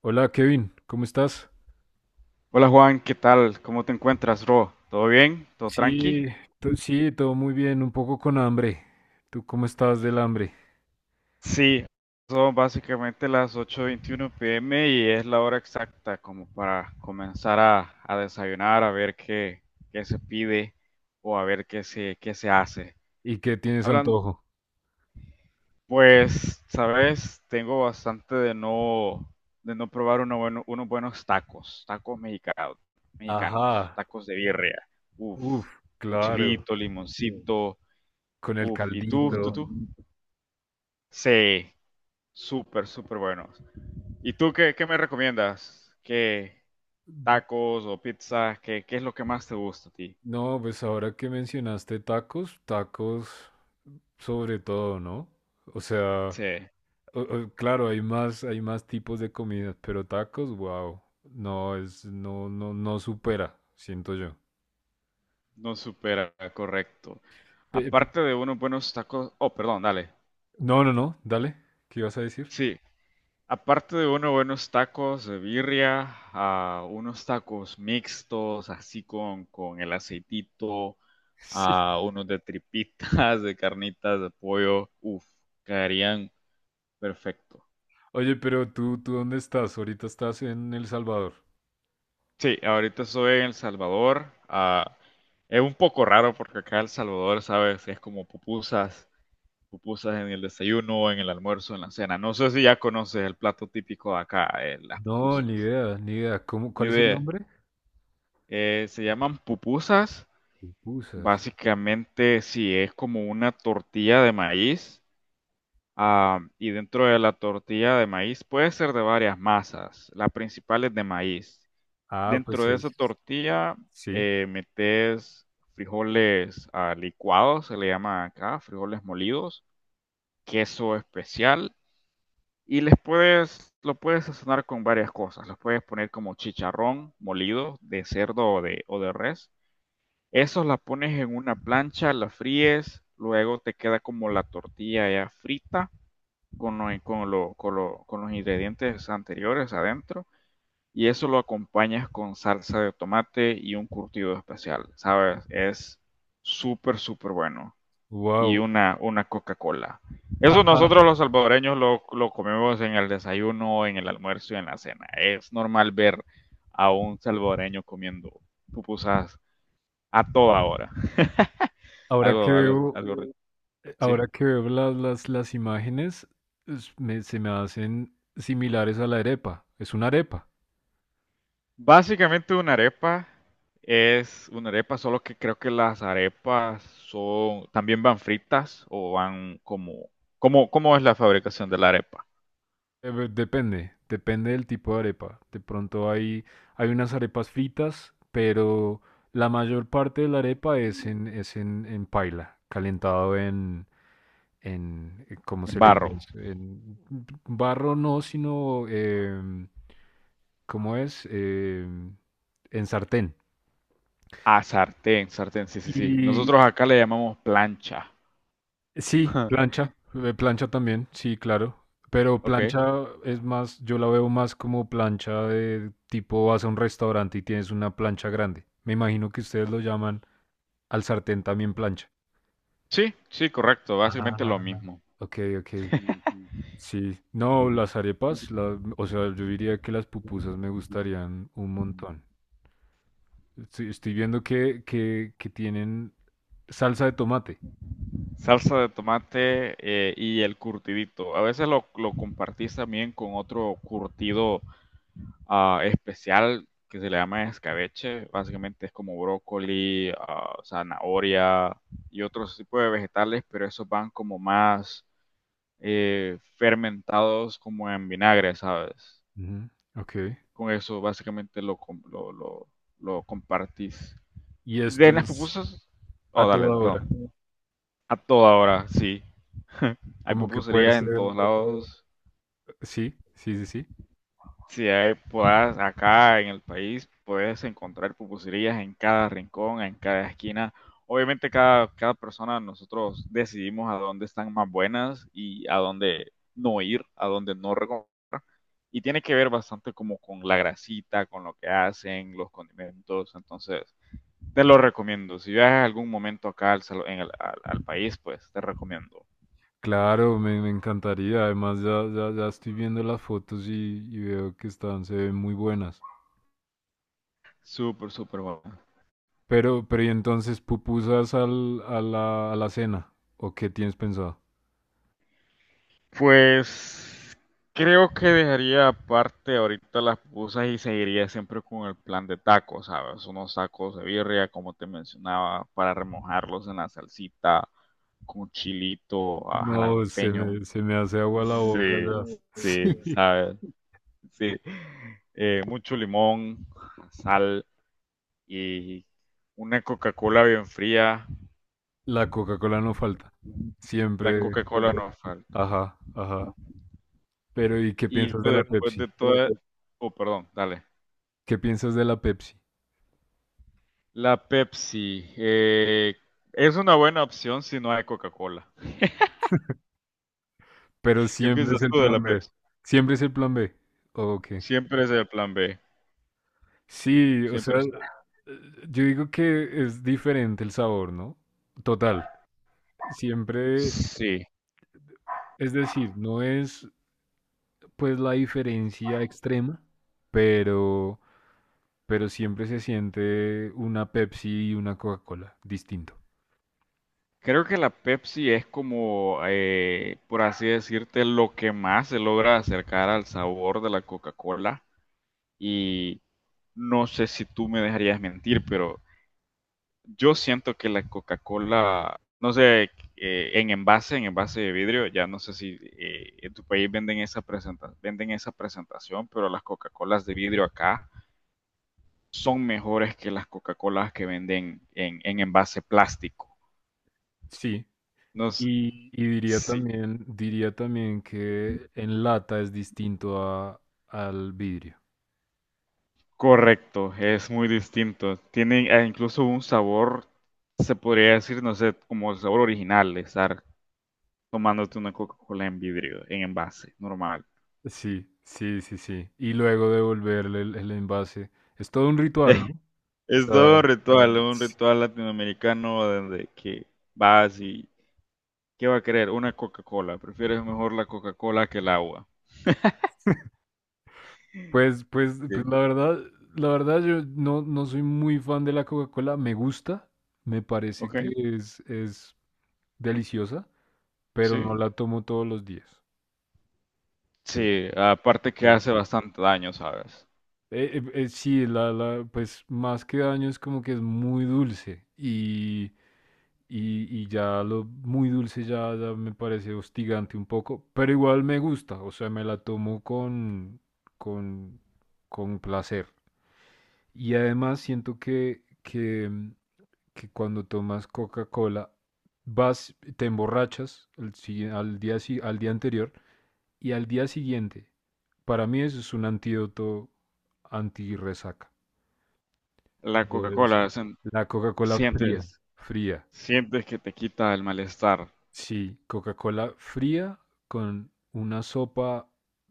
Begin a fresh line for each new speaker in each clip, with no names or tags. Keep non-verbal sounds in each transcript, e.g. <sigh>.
Hola Kevin, ¿cómo estás?
Hola Juan, ¿qué tal? ¿Cómo te encuentras, bro? ¿Todo bien? ¿Todo tranqui?
Sí, sí, todo muy bien, un poco con hambre. ¿Tú cómo estás del hambre?
Sí, son básicamente las 8:21 pm y es la hora exacta como para comenzar a desayunar, a ver qué, qué se pide o a ver qué se hace.
¿Y qué tienes
Hablan,
antojo?
pues, sabes, tengo bastante de no probar unos buenos tacos, tacos mexicanos,
Ajá,
tacos de birria, uff,
uf,
con
claro,
chilito, sí, limoncito,
con el
uff, ¿y sí,
caldito.
tú? Sí, súper, súper buenos. ¿Y tú qué, qué me recomiendas? ¿Qué tacos o pizzas? ¿Qué, qué es lo que más te gusta a ti?
No, pues ahora que mencionaste tacos, tacos sobre todo, ¿no? O sea,
Sí,
claro, hay más tipos de comidas, pero tacos, wow, no, no supera, siento yo.
no supera, correcto.
Pe- pe-
Aparte de unos buenos tacos, oh, perdón, dale.
no, no, dale, ¿qué ibas a decir?
Sí, aparte de unos buenos tacos de birria, ah, unos tacos mixtos, así con el aceitito,
<laughs> Sí.
ah, unos de tripitas, <laughs> de carnitas, de pollo, uff, caerían perfecto.
Oye, pero tú, ¿tú dónde estás? Ahorita estás en El Salvador.
Sí, ahorita estoy en El Salvador. Ah, es un poco raro porque acá El Salvador, ¿sabes? Es como pupusas, pupusas en el desayuno, en el almuerzo, en la cena. No sé si ya conoces el plato típico de acá, las
No, ni
pupusas.
idea, ni idea. ¿Cómo,
Ni
cuál es su
idea.
nombre?
Se llaman pupusas.
Pupusas.
Básicamente, sí, es como una tortilla de maíz. Ah, y dentro de la tortilla de maíz puede ser de varias masas. La principal es de maíz.
Ah,
Dentro
pues
de esa
es,
tortilla
sí.
metes frijoles ah, licuados, se le llama acá, frijoles molidos, queso especial y les puedes, lo puedes sazonar con varias cosas. Los puedes poner como chicharrón molido de cerdo o de res. Esos la pones en una plancha, la fríes, luego te queda como la tortilla ya frita con los ingredientes anteriores adentro y eso lo acompañas con salsa de tomate y un curtido especial, ¿sabes? Es súper, súper bueno. Y
Wow.
una Coca-Cola. Eso
Ajá.
nosotros los salvadoreños lo comemos en el desayuno, en el almuerzo y en la cena. Es normal ver a un salvadoreño comiendo pupusas a toda hora.
Ahora que veo,
Algo, ¿sí?
ahora que veo las imágenes, se me hacen similares a la arepa. Es una arepa.
Básicamente una arepa es una arepa, solo que creo que las arepas son, también van fritas o van como, ¿cómo, cómo es la fabricación de la arepa?
Depende, depende del tipo de arepa. De pronto hay, hay unas arepas fritas, pero la mayor parte de la arepa en paila, calentado en, ¿cómo
En
se le
barro.
diría eso? En barro no, sino, ¿cómo es? En sartén.
Ah, sartén, sartén, sí, sí, sí.
Y
Nosotros acá le llamamos plancha.
sí,
<laughs>
plancha, plancha también, sí, claro. Pero
Ok.
plancha es más, yo la veo más como plancha de tipo vas a un restaurante y tienes una plancha grande. Me imagino que ustedes lo llaman al sartén también plancha.
Sí, sí, correcto, básicamente lo
Ah.
mismo.
Ok, ok.
<laughs> Ujú.
Sí. No, o sea, yo diría que las pupusas me gustarían un montón. Estoy viendo que tienen salsa de tomate.
Salsa de tomate y el curtidito. A veces lo compartís también con otro curtido ah, especial que se le llama escabeche. Básicamente es como brócoli, ah, zanahoria y otros tipos de vegetales, pero esos van como más fermentados como en vinagre, ¿sabes?
Ujú, ok.
Con eso básicamente lo compartís.
Y esto
De las
es
pupusas,
a
oh, dale,
toda
perdón.
hora.
A toda hora, sí. Hay
Como que puede
pupuserías en
ser.
todos lados.
Sí, sí, sí, sí.
Si hay, puedas, acá en el país puedes encontrar pupuserías en cada rincón, en cada esquina. Obviamente cada persona nosotros decidimos a dónde están más buenas y a dónde no ir, a dónde no recomendar. Y tiene que ver bastante como con la grasita, con lo que hacen, los condimentos. Entonces, te lo recomiendo. Si viajas algún momento acá al, salo- en el- al, al país, pues te recomiendo.
Claro, me encantaría. Además, ya, ya, ya estoy viendo las fotos y veo que están, se ven muy buenas.
Súper, súper bueno.
Pero, ¿y entonces pupusas a la cena? ¿O qué tienes pensado?
Pues creo que dejaría aparte ahorita las pupusas y seguiría siempre con el plan de tacos, ¿sabes? Unos tacos de birria, como te mencionaba, para remojarlos en la salsita, con chilito, ah,
No,
jalapeño.
se me hace agua la boca
Sí,
ya. <laughs>
sí,
Sí.
¿sabes? Sí. Mucho limón, sal y una Coca-Cola bien fría.
La Coca-Cola no falta.
La
Siempre.
Coca-Cola no falta.
Ajá, ajá. Pero ¿y qué
Y
piensas de la
después
Pepsi?
de todo... Oh, perdón, dale.
¿Qué piensas de la Pepsi?
La Pepsi. Eh, es una buena opción si no hay Coca-Cola.
Pero
¿Qué
siempre es
piensas
el
tú de la
plan B.
Pepsi?
Siempre es el plan B. Ok.
Siempre es el plan B.
Sí, o
Siempre
sea,
es.
yo digo que es diferente el sabor, ¿no? Total. Siempre,
Sí.
es decir, no es pues la diferencia extrema, pero, pero siempre se siente una Pepsi y una Coca-Cola distinto.
Creo que la Pepsi es como, por así decirte, lo que más se logra acercar al sabor de la Coca-Cola. Y no sé si tú me dejarías mentir, pero yo siento que la Coca-Cola, no sé, en envase de vidrio, ya no sé si en tu país venden esa, venden esa presentación, pero las Coca-Colas de vidrio acá son mejores que las Coca-Colas que venden en envase plástico.
Sí,
No sé,
y
sí,
diría también que en lata es distinto a, al vidrio.
correcto, es muy distinto. Tienen incluso un sabor, se podría decir, no sé, como el sabor original de estar tomándote una Coca-Cola en vidrio, en envase, normal.
Sí, sí, sí, sí. Y luego devolverle el envase. Es todo un ritual, ¿no?
<laughs>
O
Es
sea,
todo un ritual latinoamericano donde que vas y ¿qué va a querer? Una Coca-Cola. Prefieres mejor la Coca-Cola que el agua.
pues, pues, pues
Sí.
la verdad yo no, no soy muy fan de la Coca-Cola. Me gusta, me parece
¿Ok?
que es deliciosa, pero
Sí.
no la tomo todos los días.
Sí, aparte que
Eh,
hace bastante daño, ¿sabes?
Sí, pues más que daño es como que es muy dulce y ya lo muy dulce ya, ya me parece hostigante un poco, pero igual me gusta, o sea, me la tomo con, con placer. Y además siento que, mm, que cuando tomas Coca-Cola vas, te emborrachas al, si al día, al día anterior y al día siguiente, para mí eso es un antídoto anti-resaca.
La
Es
Coca-Cola sen-
la Coca-Cola fría,
sientes
fría.
sientes que te quita el malestar,
Sí, Coca-Cola fría con una sopa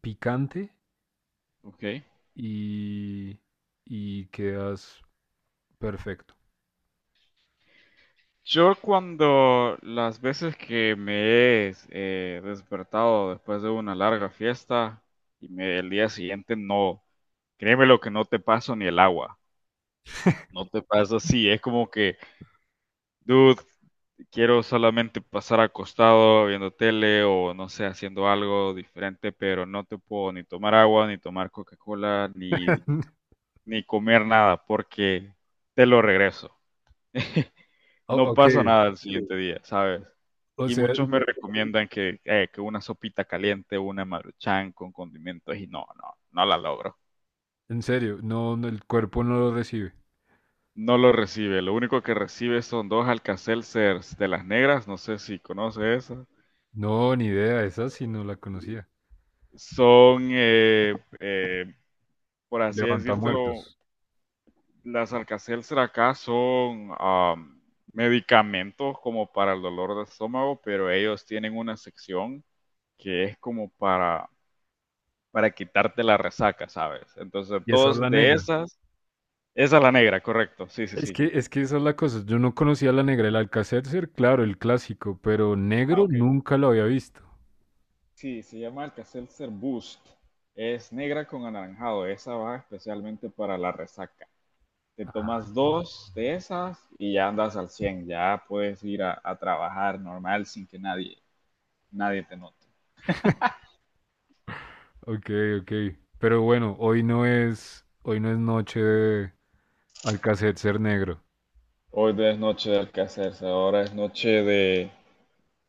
picante
¿ok?
y, y quedas perfecto.
Yo cuando las veces que me he despertado después de una larga fiesta y me, el día siguiente no, créeme lo que no te paso ni el agua. No te pasa así, es como que, dude, quiero solamente pasar acostado viendo tele o no sé, haciendo algo diferente, pero no te puedo ni tomar agua, ni tomar Coca-Cola, ni, ni comer nada porque te lo regreso. <laughs> No
Ok,
pasa nada el siguiente día, ¿sabes?
o
Y
sea,
muchos me recomiendan que una sopita caliente, una maruchan con condimentos y no, no, no la logro.
en serio, no, no, el cuerpo no lo recibe.
No lo recibe, lo único que recibe son dos Alka-Seltzers de las negras, no sé si conoces esas.
No, ni idea, esa sí no la conocía.
Son, por así
Levanta
decírtelo,
muertos.
las Alka-Seltzer acá son medicamentos como para el dolor de estómago, pero ellos tienen una sección que es como para quitarte la resaca, ¿sabes? Entonces,
Y esa es
todos
la
de
negra.
esas, esa es la negra, correcto, sí, sí, sí.
Es que esa es la cosa. Yo no conocía la negra, el Alcácer, claro, el clásico, pero
Ah,
negro
ok.
nunca lo había visto.
Sí, se llama Alka-Seltzer Boost. Es negra con anaranjado. Esa va especialmente para la resaca. Te tomas dos de esas y ya andas al 100 ya puedes ir a trabajar normal sin que nadie, nadie te note.
Ok, ok. Pero bueno, hoy no es noche de Alcacetcer negro.
Hoy no es noche de alcacerse, ahora es noche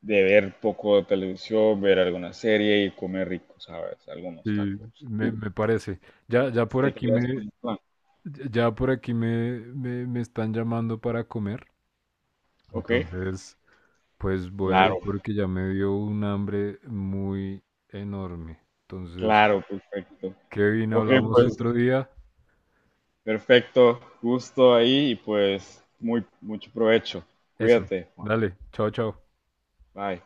de ver poco de televisión, ver alguna serie y comer rico, ¿sabes? Algunos
Sí,
tacos. Si tú
me parece. Ya, ya por
te
aquí
quedas
me,
con el plan,
ya por aquí me están llamando para comer.
¿ok?
Entonces, pues voy a ir
Claro,
porque ya me dio un hambre muy enorme. Entonces,
claro, perfecto.
Kevin,
Ok,
hablamos
pues
otro día.
perfecto, gusto ahí y pues muy, mucho provecho.
Eso,
Cuídate, Juan.
dale, chao, chao.
Bye.